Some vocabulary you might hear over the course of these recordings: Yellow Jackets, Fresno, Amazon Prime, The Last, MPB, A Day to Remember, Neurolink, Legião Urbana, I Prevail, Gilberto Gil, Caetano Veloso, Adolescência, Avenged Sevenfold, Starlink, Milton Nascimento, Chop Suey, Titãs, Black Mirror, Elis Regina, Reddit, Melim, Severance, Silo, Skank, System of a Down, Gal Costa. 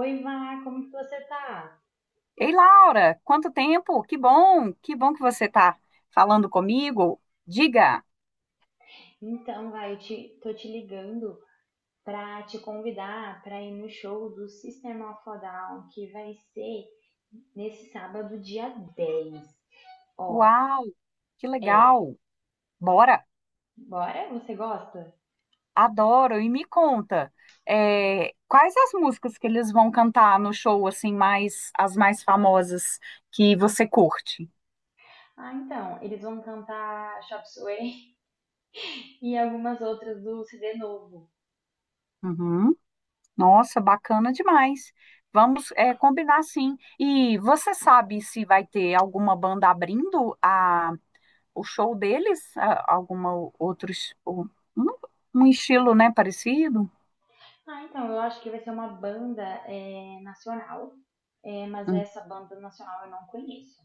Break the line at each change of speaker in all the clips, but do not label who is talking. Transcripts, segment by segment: Oi, Vá, como que você tá?
Ei, Laura, quanto tempo? Que bom, que bom que você está falando comigo. Diga,
Então, vai, tô te ligando pra te convidar pra ir no show do System of a Down, que vai ser nesse sábado, dia 10. Ó,
uau, que
é,
legal. Bora,
bora? Você gosta?
adoro. E me conta, quais as músicas que eles vão cantar no show, assim, mais as mais famosas que você curte?
Ah, então, eles vão cantar Chop Suey e algumas outras do CD novo.
Uhum. Nossa, bacana demais. Vamos, combinar sim. E você sabe se vai ter alguma banda abrindo a o show deles, a- alguma o- outros, o- um, um estilo, né, parecido?
Ah, então, eu acho que vai ser uma banda é, nacional, é, mas
Hum.
essa banda nacional eu não conheço.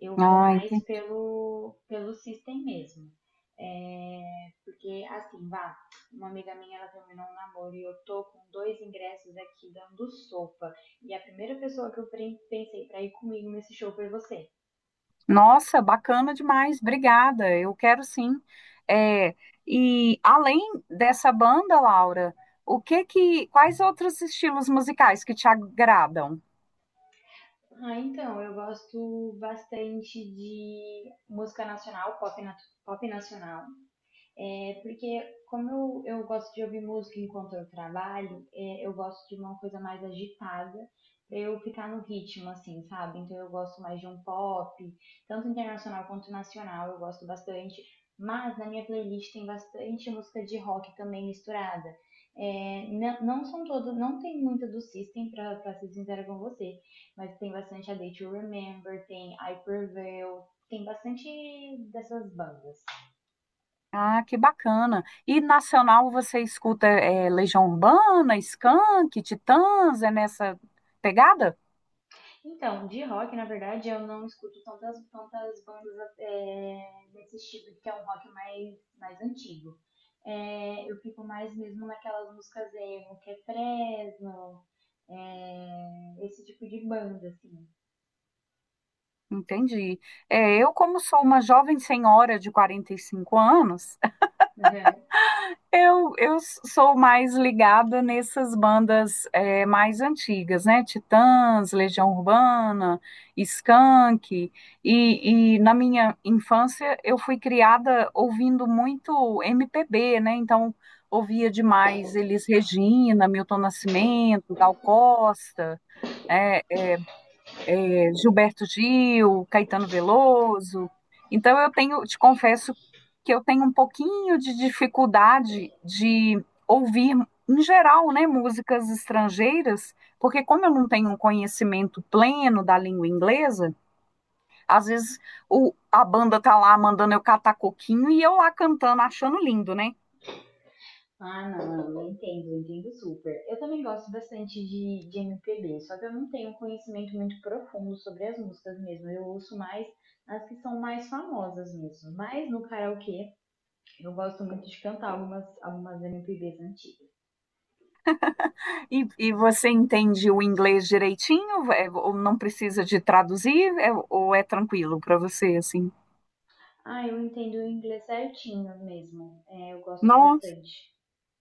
Eu vou
Ah,
mais
entendi.
pelo system mesmo. É, porque, assim, vá, uma amiga minha, ela terminou um namoro e eu tô com dois ingressos aqui dando sopa. E a primeira pessoa que eu pensei pra ir comigo nesse show foi você.
Nossa, bacana demais, obrigada. Eu quero sim. É, e além dessa banda, Laura, quais outros estilos musicais que te agradam?
Ah, então, eu gosto bastante de música nacional, pop, pop nacional. É, porque como eu gosto de ouvir música enquanto eu trabalho, é, eu gosto de uma coisa mais agitada pra eu ficar no ritmo, assim, sabe? Então eu gosto mais de um pop, tanto internacional quanto nacional, eu gosto bastante. Mas na minha playlist tem bastante música de rock também misturada. É, não, não são todas, não tem muita do System, pra ser sincera com você, mas tem bastante A Day to Remember, tem I Prevail, tem bastante dessas bandas.
Ah, que bacana. E nacional você escuta Legião Urbana, Skank, Titãs, é nessa pegada?
Então, de rock, na verdade, eu não escuto tantas bandas é, desse estilo, que é um rock mais antigo. É, eu fico mais mesmo naquelas músicas emo, que é Fresno, é, esse tipo de banda, assim.
Entendi. É, como sou uma jovem senhora de 45 anos, eu sou mais ligada nessas bandas mais antigas, né? Titãs, Legião Urbana, Skank. E na minha infância eu fui criada ouvindo muito MPB, né? Então ouvia demais Elis Regina, Milton Nascimento, Gal Costa. é, Gilberto Gil, Caetano Veloso. Então eu tenho, te confesso que eu tenho um pouquinho de dificuldade de ouvir em geral, né, músicas estrangeiras, porque como eu não tenho um conhecimento pleno da língua inglesa, às vezes a banda tá lá mandando eu catar coquinho e eu lá cantando, achando lindo, né?
Ah, não, eu entendo super. Eu também gosto bastante de MPB, só que eu não tenho um conhecimento muito profundo sobre as músicas mesmo. Eu ouço mais as que são mais famosas mesmo. Mas no karaokê eu gosto muito de cantar algumas MPBs antigas.
E você entende o inglês direitinho? É, ou não precisa de traduzir? É, ou é tranquilo para você, assim?
Ah, eu entendo o inglês certinho mesmo. É, eu gosto
Não.
bastante.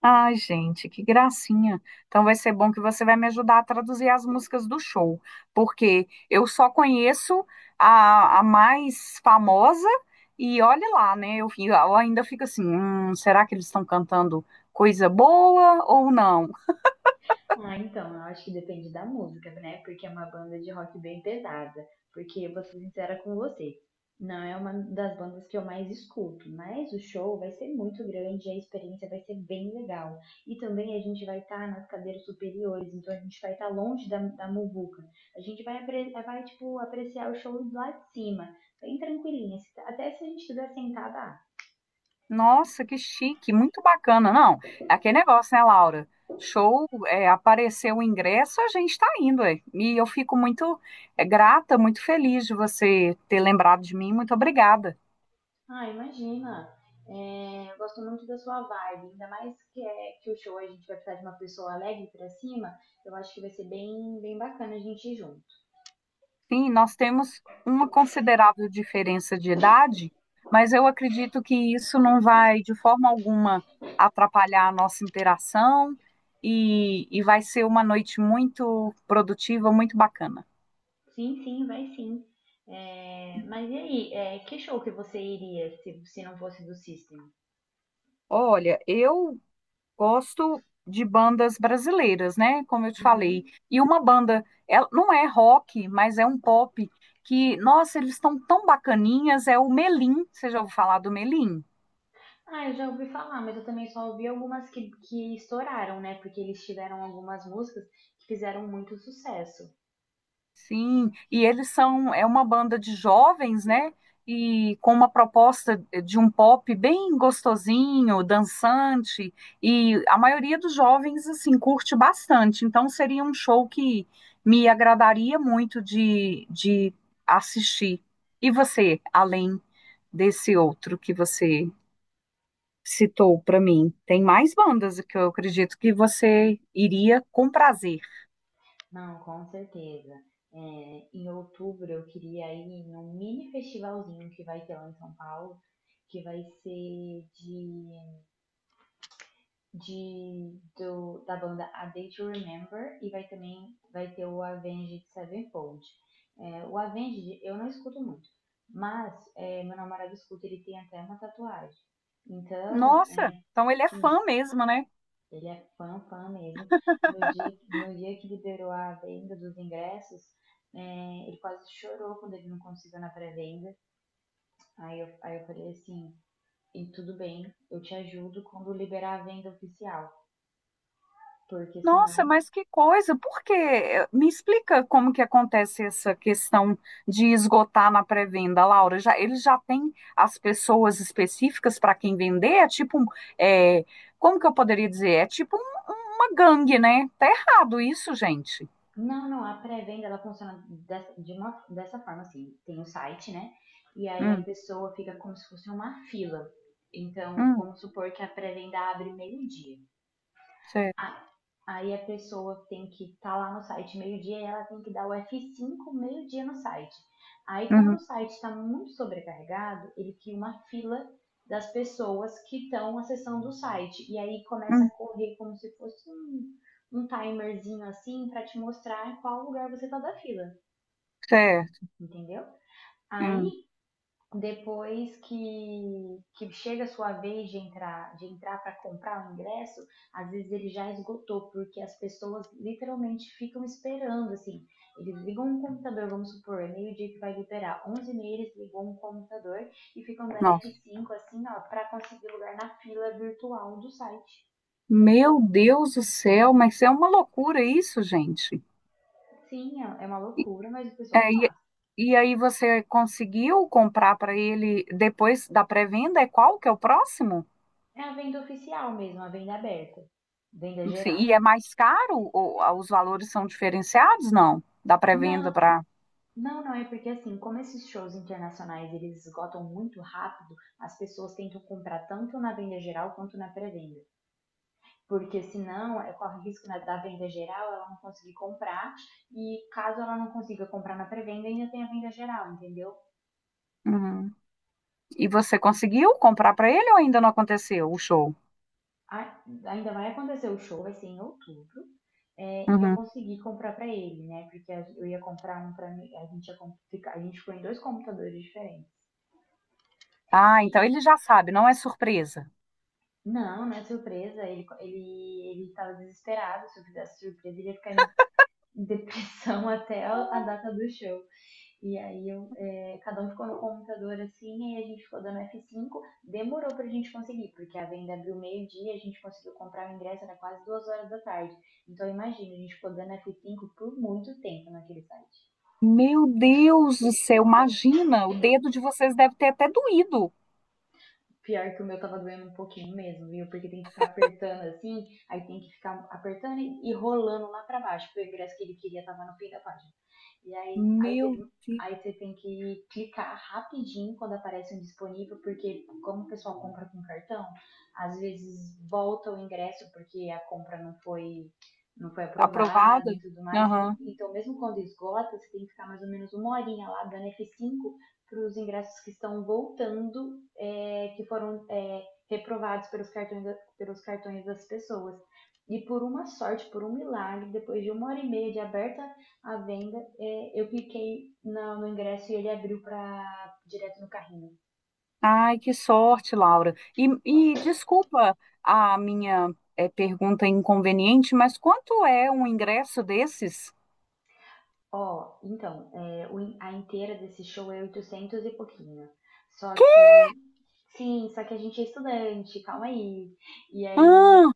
Ai, gente, que gracinha. Então vai ser bom que você vai me ajudar a traduzir as músicas do show, porque eu só conheço a mais famosa e olhe lá, né? Eu ainda fico assim, será que eles estão cantando coisa boa ou não?
Ah, então, eu acho que depende da música, né? Porque é uma banda de rock bem pesada. Porque, vou ser sincera com você, não é uma das bandas que eu mais escuto, mas o show vai ser muito grande, a experiência vai ser bem legal. E também a gente vai estar nas cadeiras superiores, então a gente vai estar longe da muvuca. A gente vai, tipo, apreciar o show lá de cima, bem tranquilinha. Até se a gente estiver sentada, ah.
Nossa, que chique, muito bacana. Não, é aquele negócio, né, Laura? Show, é, apareceu o ingresso, a gente tá indo, é. E eu fico muito, é, grata, muito feliz de você ter lembrado de mim. Muito obrigada.
Ah, imagina. É, eu gosto muito da sua vibe, ainda mais que, é, que o show a gente vai precisar de uma pessoa alegre pra cima. Eu acho que vai ser bem, bem bacana a gente ir junto.
Sim, nós temos uma considerável diferença de idade, mas eu acredito que isso não vai de forma alguma atrapalhar a nossa interação e vai ser uma noite muito produtiva, muito bacana.
Sim, sim, vai sim. É, mas e aí, é, que show que você iria se não fosse do System?
Olha, eu gosto de bandas brasileiras, né? Como eu te falei.
Uhum.
E uma banda, ela não é rock, mas é um pop que, nossa, eles estão tão bacaninhas, é o Melim. Você já ouviu falar do Melim?
Ah, eu já ouvi falar, mas eu também só ouvi algumas que estouraram, né? Porque eles tiveram algumas músicas que fizeram muito sucesso.
Sim, e eles são, é uma banda de jovens, né? E com uma proposta de um pop bem gostosinho, dançante, e a maioria dos jovens, assim, curte bastante. Então, seria um show que me agradaria muito de assistir. E você, além desse outro que você citou para mim, tem mais bandas que eu acredito que você iria com prazer.
Não, com certeza. É, em outubro eu queria ir num mini festivalzinho que vai ter lá em São Paulo, que vai ser da banda A Day to Remember e vai também vai ter o Avenged Sevenfold. É, o Avenged eu não escuto muito, mas é, meu namorado escuta, ele tem até uma tatuagem. Então,
Nossa,
é,
então ele é
sim,
fã mesmo, né?
ele é fã, fã mesmo. No dia que liberou a venda dos ingressos, é, ele quase chorou quando ele não conseguiu na pré-venda. Aí eu falei assim, e tudo bem, eu te ajudo quando liberar a venda oficial. Porque
Nossa,
senão.
mas que coisa! Por quê? Me explica como que acontece essa questão de esgotar na pré-venda, Laura. Já, ele já têm as pessoas específicas para quem vender? É, Como que eu poderia dizer? É tipo uma gangue, né? Tá errado isso, gente.
Não, não, a pré-venda ela funciona dessa forma, assim. Tem o um site, né? E aí a
Hum,
pessoa fica como se fosse uma fila. Então,
hum,
vamos supor que a pré-venda abre meio-dia.
certo.
Ah, aí a pessoa tem que estar tá lá no site meio-dia e ela tem que dar o F5 meio-dia no site. Aí quando o
Uhum,
site está muito sobrecarregado, ele cria uma fila das pessoas que estão acessando o site. E aí começa a
hum,
correr como se fosse um timerzinho assim para te mostrar qual lugar você está da fila,
certo.
entendeu? Aí
Hum,
depois que chega a sua vez de entrar para comprar o ingresso, às vezes ele já esgotou, porque as pessoas literalmente ficam esperando, assim. Eles ligam um computador, vamos supor, é meio-dia que vai liberar, 11h eles ligam um computador e ficam dando
nossa.
F5, assim, ó, para conseguir lugar na fila virtual do site.
Meu Deus do céu, mas é uma loucura isso, gente.
Sim, é uma loucura, mas o pessoal
É, e,
faz.
e aí você conseguiu comprar para ele depois da pré-venda? É qual que é o próximo?
É a venda oficial mesmo, a venda aberta, venda
Enfim,
geral.
e é mais caro? Ou, os valores são diferenciados? Não, da pré-venda
Não,
para.
não, não, é porque assim, como esses shows internacionais eles esgotam muito rápido, as pessoas tentam comprar tanto na venda geral quanto na pré-venda. Porque senão é, corre o risco da venda geral ela não conseguir comprar, e caso ela não consiga comprar na pré-venda, ainda tem a venda geral, entendeu?
Uhum. E você conseguiu comprar para ele ou ainda não aconteceu o show?
Ainda vai acontecer o show, vai ser em outubro, é, e eu
Uhum.
consegui comprar pra ele, né? Porque eu ia comprar um pra mim, a gente ficou em dois computadores diferentes.
Ah,
E
então ele já sabe, não é surpresa.
não, não é surpresa. Ele tava desesperado. Se eu fizesse surpresa, ele ia ficar em depressão até a data do show. E aí, eu, é, cada um ficou no computador assim, e aí a gente ficou dando F5. Demorou pra gente conseguir, porque a venda abriu meio-dia, a gente conseguiu comprar o ingresso, era quase 2 horas da tarde. Então, imagina, a gente ficou dando F5 por muito tempo naquele site.
Meu Deus do céu, imagina, o dedo de vocês deve ter até doído.
Pior que o meu tava doendo um pouquinho mesmo, viu? Porque tem que ficar apertando assim, aí tem que ficar apertando e rolando lá pra baixo, porque o ingresso que ele queria tava no fim da página. E aí, aí
Meu
teve um-
Deus,
Aí você tem que clicar rapidinho quando aparece um disponível, porque como o pessoal compra com cartão, às vezes volta o ingresso porque a compra não foi aprovada
aprovada?
e tudo mais. Então,
Aham.
mesmo quando esgota, você tem que ficar mais ou menos uma horinha lá dando F5 para os ingressos que estão voltando é, que foram é, reprovados pelos cartões, pelos cartões das pessoas. E por uma sorte, por um milagre, depois de uma hora e meia de aberta a venda, é, eu cliquei no ingresso e ele abriu para direto no carrinho.
Ai, que sorte, Laura. E desculpa a minha pergunta inconveniente, mas quanto é um ingresso desses?
Então, é, o a inteira desse show é 800 e pouquinho. Só que, sim, só que a gente é estudante, calma aí. E aí
Ah,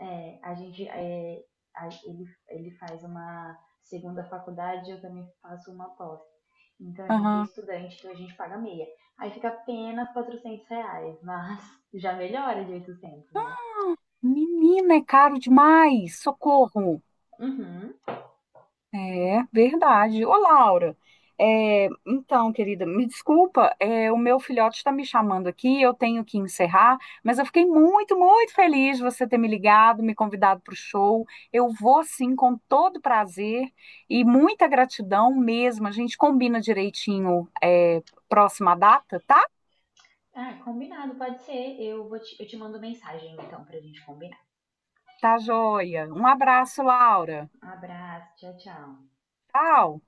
A gente, é, a- ele faz uma segunda faculdade, eu também faço uma pós. Então a gente é
aham.
estudante, então a gente paga meia. Aí fica apenas R$ 400, mas já melhora de 800 né?
Menina, é caro demais. Socorro.
Uhum.
É verdade. Ô, Laura, é, então, querida, me desculpa, é, o meu filhote está me chamando aqui, eu tenho que encerrar, mas eu fiquei muito, muito feliz de você ter me ligado, me convidado para o show. Eu vou sim, com todo prazer e muita gratidão mesmo. A gente combina direitinho, é, próxima data, tá?
Ah, combinado, pode ser. Eu te mando mensagem então pra gente combinar.
Tá joia. Um abraço, Laura.
Um abraço, tchau, tchau.
Tchau.